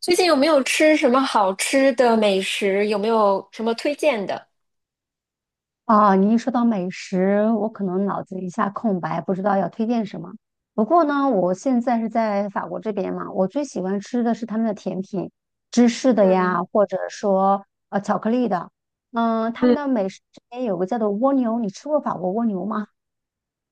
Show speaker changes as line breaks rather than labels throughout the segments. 最近有没有吃什么好吃的美食？有没有什么推荐的？
啊，你一说到美食，我可能脑子一下空白，不知道要推荐什么。不过呢，我现在是在法国这边嘛，我最喜欢吃的是他们的甜品，芝士的呀，
嗯
或者说巧克力的。嗯，他们
嗯。
的美食这边有个叫做蜗牛，你吃过法国蜗牛吗？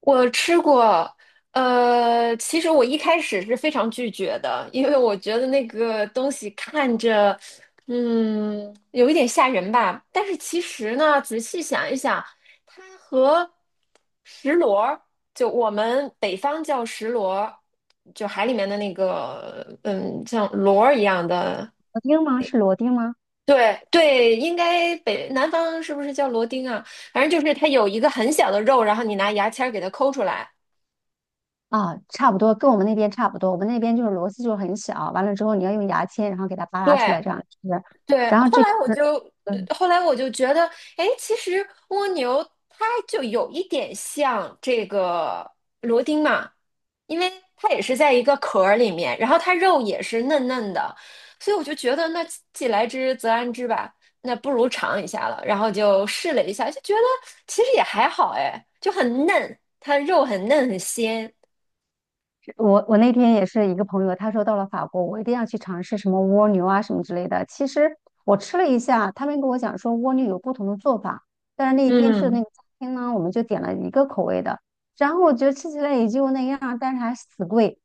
我吃过，其实我一开始是非常拒绝的，因为我觉得那个东西看着，有一点吓人吧。但是其实呢，仔细想一想，它和石螺儿，就我们北方叫石螺儿，就海里面的那个，像螺儿一样的。
螺丁吗？是螺丁吗？
对对，应该北南方是不是叫螺钉啊？反正就是它有一个很小的肉，然后你拿牙签儿给它抠出来。
啊，差不多，跟我们那边差不多。我们那边就是螺丝就是很小，完了之后你要用牙签，然后给它扒拉出
对
来这样吃。
对，
然后
后
这
来
边
我
是。
就，
嗯，
后来我就觉得，哎，其实蜗牛它就有一点像这个螺钉嘛，因为它也是在一个壳儿里面，然后它肉也是嫩嫩的，所以我就觉得，那既来之则安之吧，那不如尝一下了，然后就试了一下，就觉得其实也还好，哎，就很嫩，它肉很嫩很鲜。
我那天也是一个朋友，他说到了法国，我一定要去尝试什么蜗牛啊什么之类的。其实我吃了一下，他们跟我讲说蜗牛有不同的做法，但是那一天去的那
嗯，
个餐厅呢，我们就点了一个口味的，然后我觉得吃起来也就那样，但是还死贵。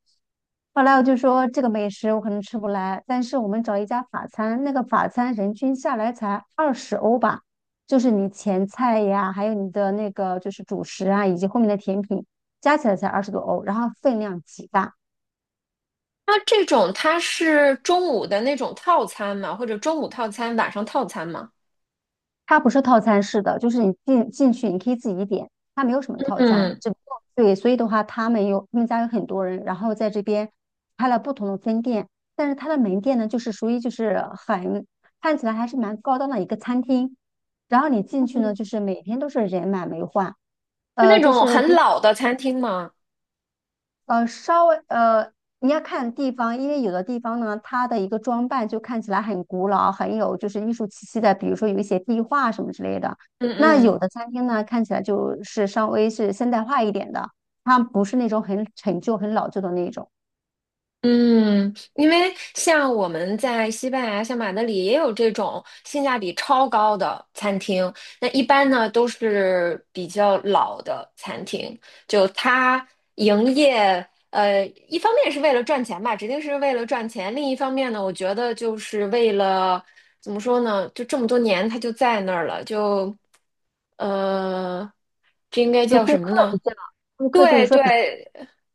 后来我就说这个美食我可能吃不来，但是我们找一家法餐，那个法餐人均下来才20欧吧，就是你前菜呀，还有你的那个就是主食啊，以及后面的甜品。加起来才20多欧，然后分量极大。
那这种它是中午的那种套餐嘛，或者中午套餐、晚上套餐嘛？
它不是套餐式的，就是你进去你可以自己点，它没有什么套餐，
嗯，
只不过对，所以的话他们有他们家有很多人，然后在这边开了不同的分店，但是它的门店呢，就是属于就是很看起来还是蛮高档的一个餐厅，然后你进去
嗯，
呢，就是每天都是人满为患，
是
呃，
那
就
种
是
很
你
老的餐厅吗？
呃，稍微呃，你要看地方，因为有的地方呢，它的一个装扮就看起来很古老，很有就是艺术气息的，比如说有一些壁画什么之类的。
嗯
那
嗯
有的餐厅呢，看起来就是稍微是现代化一点的，它不是那种很陈旧、很老旧的那种，
嗯，因为像我们在西班牙，像马德里也有这种性价比超高的餐厅。那一般呢都是比较老的餐厅，就它营业，一方面是为了赚钱吧，指定是为了赚钱；另一方面呢，我觉得就是为了怎么说呢，就这么多年它就在那儿了，就呃，这应该
就
叫什么呢？
顾客就是
对
说
对
比较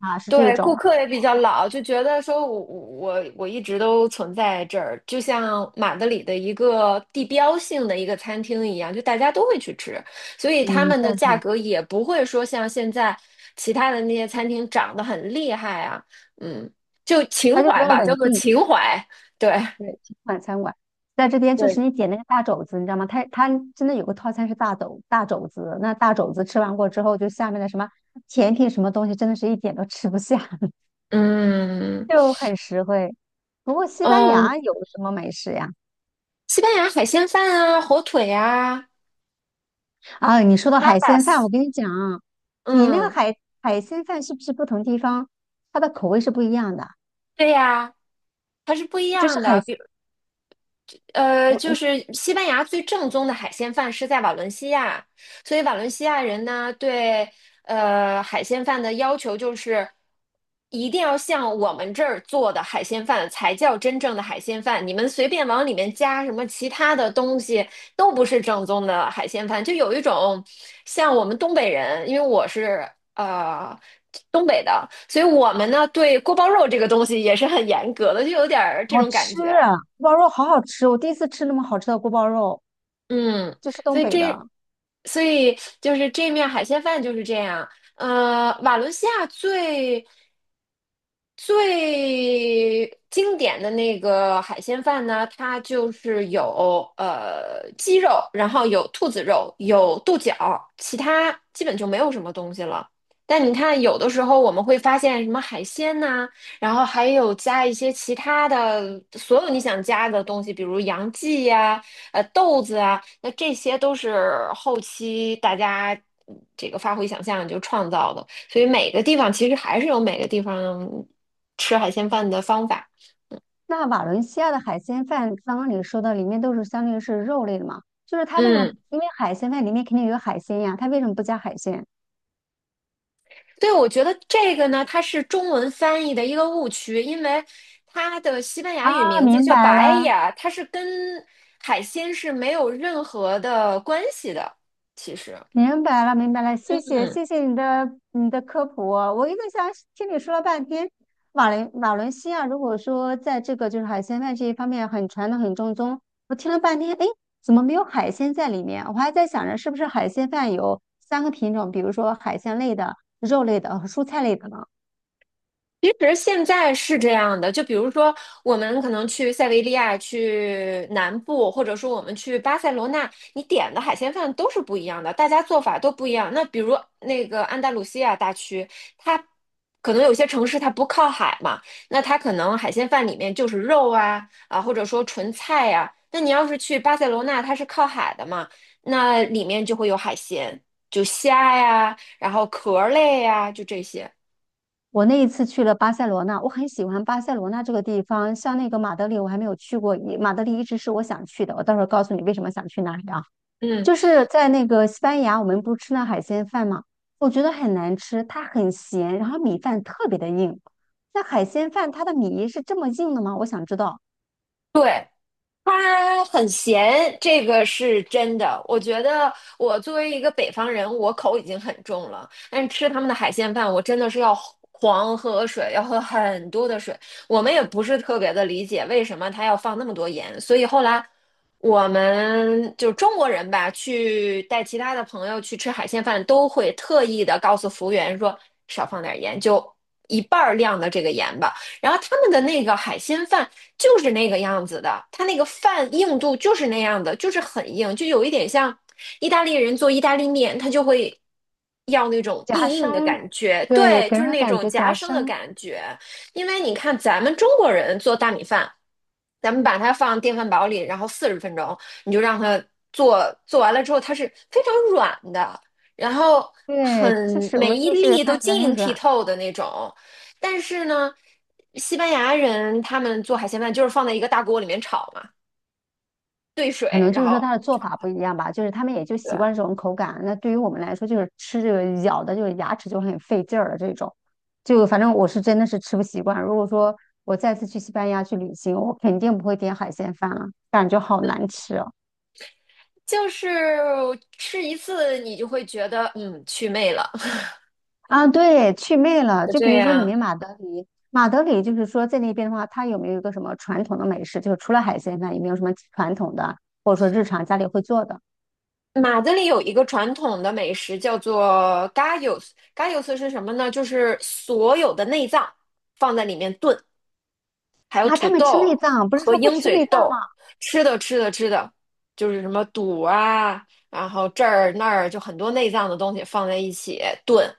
啊，是这
对，顾
种，
客也比较老，就觉得说我一直都存在这儿，就像马德里的一个地标性的一个餐厅一样，就大家都会去吃，所以他
嗯，
们的
赞
价
同，
格也不会说像现在其他的那些餐厅涨得很厉害啊，嗯，就情
它就比
怀
较
吧，叫
稳
做
定。
情怀，对
对，清晚餐馆，在这边就
对，
是你点那个大肘子，你知道吗？它真的有个套餐是大肘子，那大肘子吃完过之后，就下面的什么甜品什么东西，真的是一点都吃不下，
嗯
就很实惠。不过西班
嗯，
牙有什么美食呀？
西班牙海鲜饭啊，火腿啊
啊，你说到海鲜
，tapas，
饭，我跟你讲啊，你那个
嗯，
海鲜饭是不是不同地方它的口味是不一样的？
对呀。它是不一
就是
样
海，
的，就
我
是西班牙最正宗的海鲜饭是在瓦伦西亚，所以瓦伦西亚人呢对海鲜饭的要求就是一定要像我们这儿做的海鲜饭才叫真正的海鲜饭，你们随便往里面加什么其他的东西都不是正宗的海鲜饭，就有一种像我们东北人，因为我是呃。东北的，所以我们呢对锅包肉这个东西也是很严格的，就有点儿这
好
种感
吃
觉。
啊，锅包肉好好吃，我第一次吃那么好吃的锅包肉，
嗯，
就是东
所以
北
这，
的。
所以就是这面海鲜饭就是这样。瓦伦西亚最最经典的那个海鲜饭呢，它就是有鸡肉，然后有兔子肉，有豆角，其他基本就没有什么东西了。但你看，有的时候我们会发现什么海鲜呐、然后还有加一些其他的，所有你想加的东西，比如洋蓟呀、豆子啊，那这些都是后期大家这个发挥想象就创造的，所以每个地方其实还是有每个地方吃海鲜饭的方法。
那瓦伦西亚的海鲜饭，刚刚你说的里面都是相当于是肉类的嘛？就是它为什么？
嗯，
因为海鲜饭里面肯定有海鲜呀，它为什么不加海鲜？
对，我觉得这个呢，它是中文翻译的一个误区，因为它的西班牙语
啊，
名字
明
叫
白
白
了，
雅，它是跟海鲜是没有任何的关系的，其实，
明白了，明白了，谢谢，
嗯。
谢谢你的科普哦我一个想听你说了半天，瓦伦西亚如果说在这个就是海鲜饭这一方面很传统很正宗，我听了半天，哎，怎么没有海鲜在里面？我还在想着是不是海鲜饭有3个品种，比如说海鲜类的、肉类的和蔬菜类的呢？
其实现在是这样的，就比如说我们可能去塞维利亚、去南部，或者说我们去巴塞罗那，你点的海鲜饭都是不一样的，大家做法都不一样。那比如那个安达卢西亚大区，它可能有些城市它不靠海嘛，那它可能海鲜饭里面就是肉啊啊，或者说纯菜呀、那你要是去巴塞罗那，它是靠海的嘛，那里面就会有海鲜，就虾呀，然后壳类呀，就这些。
我那一次去了巴塞罗那，我很喜欢巴塞罗那这个地方。像那个马德里，我还没有去过，马德里一直是我想去的。我到时候告诉你为什么想去那里啊。
嗯。
就是在那个西班牙，我们不是吃那海鲜饭嘛，我觉得很难吃，它很咸，然后米饭特别的硬。那海鲜饭它的米是这么硬的吗？我想知道。
对，他很咸，这个是真的。我觉得我作为一个北方人，我口已经很重了，但是吃他们的海鲜饭，我真的是要狂喝水，要喝很多的水。我们也不是特别的理解为什么他要放那么多盐，所以后来我们就中国人吧，去带其他的朋友去吃海鲜饭，都会特意的告诉服务员说少放点盐，就一半儿量的这个盐吧。然后他们的那个海鲜饭就是那个样子的，它那个饭硬度就是那样的，就是很硬，就有一点像意大利人做意大利面，他就会要那种
夹
硬硬的
生，
感觉，
对，
对，
给
就
人
是
的
那
感
种
觉
夹
夹
生的
生，
感觉。因为你看咱们中国人做大米饭，咱们把它放电饭煲里，然后40分钟，你就让它做，做完了之后它是非常软的，然后
对，就
很
是我
每
们
一
就是
粒都
看起来
晶
很
莹剔
软。
透的那种。但是呢，西班牙人他们做海鲜饭就是放在一个大锅里面炒嘛，兑
可
水，
能就
然
是说
后
他的做法不一样吧，就是他们也就
对，
习惯这种口感。那对于我们来说，就是吃这个咬的，就是牙齿就很费劲儿了这种。就反正我是真的是吃不习惯。如果说我再次去西班牙去旅行，我肯定不会点海鲜饭了，感觉好难吃哦。
就是吃一次你就会觉得嗯去魅了，
啊，对，去魅了。
就
就
这
比如说你
样。
们马德里，马德里就是说在那边的话，它有没有一个什么传统的美食？就是除了海鲜饭，有没有什么传统的，或者说日常家里会做的？
马德里有一个传统的美食叫做 gallos，gallos 是什么呢？就是所有的内脏放在里面炖，
啊，他们吃内脏，不是
和
说不
鹰
吃
嘴
内脏
豆
吗？
吃的吃的吃的，就是什么肚啊，然后这儿那儿就很多内脏的东西放在一起炖。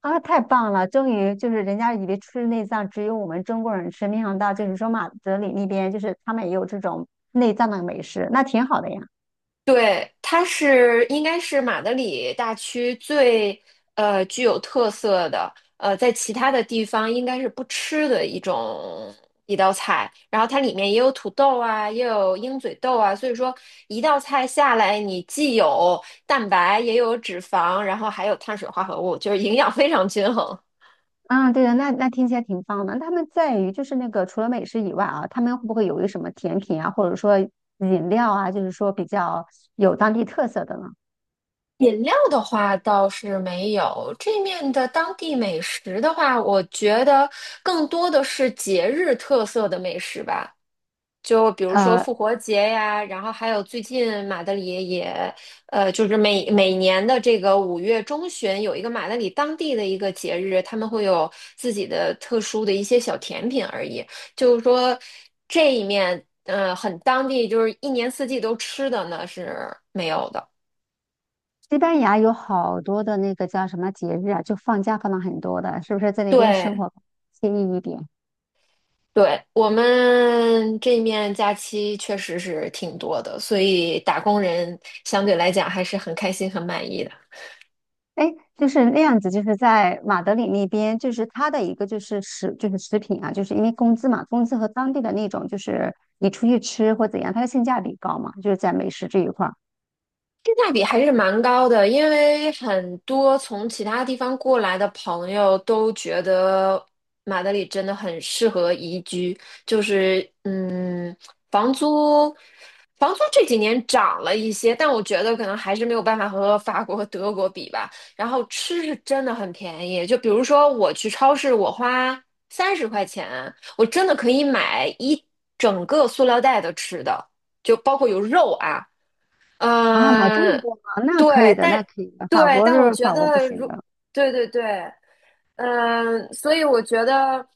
啊，太棒了！终于就是人家以为吃内脏只有我们中国人吃，没想到就是说马德里那边就是他们也有这种内脏的美食，那挺好的呀。
对，它是应该是马德里大区最具有特色的，在其他的地方应该是不吃的一种一道菜。然后它里面也有土豆啊，也有鹰嘴豆啊，所以说一道菜下来，你既有蛋白，也有脂肪，然后还有碳水化合物，就是营养非常均衡。
啊，对的，那听起来挺棒的。那他们在于就是那个除了美食以外啊，他们会不会有一什么甜品啊，或者说饮料啊，就是说比较有当地特色的呢？
饮料的话倒是没有，这面的当地美食的话，我觉得更多的是节日特色的美食吧，就比如说
呃，
复活节呀，然后还有最近马德里也，就是每年的这个5月中旬有一个马德里当地的一个节日，他们会有自己的特殊的一些小甜品而已，就是说这一面，很当地，就是一年四季都吃的呢是没有的，
西班牙有好多的那个叫什么节日啊，就放假放了很多的，是不是在那边生
对。
活惬意一点？
对，我们这面假期确实是挺多的，所以打工人相对来讲还是很开心、很满意的。
哎，就是那样子，就是在马德里那边，就是它的一个就是就是食品啊，就是因为工资嘛，工资和当地的那种就是你出去吃或怎样，它的性价比高嘛，就是在美食这一块儿
性价比还是蛮高的，因为很多从其他地方过来的朋友都觉得马德里真的很适合宜居，就是嗯，房租房租这几年涨了一些，但我觉得可能还是没有办法和法国、德国比吧。然后吃是真的很便宜，就比如说我去超市，我花30块钱，我真的可以买一整个塑料袋的吃的，就包括有肉啊。
啊，买这么
嗯，
多吗？那可以
对，
的，那
但
可以的。法
对，
国
但我
是
觉
法国不
得
行的，
对对对，嗯、所以我觉得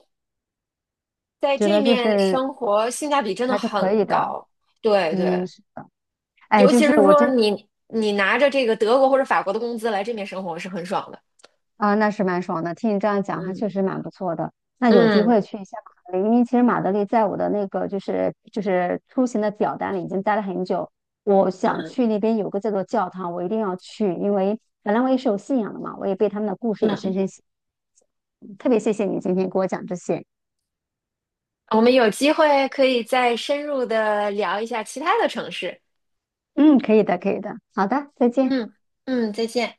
在
觉
这
得就
面
是
生活性价比真的
还是可
很
以的。
高，对对，
嗯，是哎，
尤
就
其
是
是
我
说
真
你拿着这个德国或者法国的工资来这面生活是很爽的，
啊，那是蛮爽的。听你这样讲，还
嗯
确实蛮不错的。那有机会
嗯
去一下马德里，因为其实马德里在我的那个就是出行的表单里已经待了很久。我想
嗯
去那边有个叫做教堂，我一定要去，因为本来我也是有信仰的嘛，我也被他们的故事也深
嗯，
深吸引。特别谢谢你今天给我讲这些。
我们有机会可以再深入的聊一下其他的城市，
嗯，可以的，可以的。好的，再见。
嗯嗯，再见。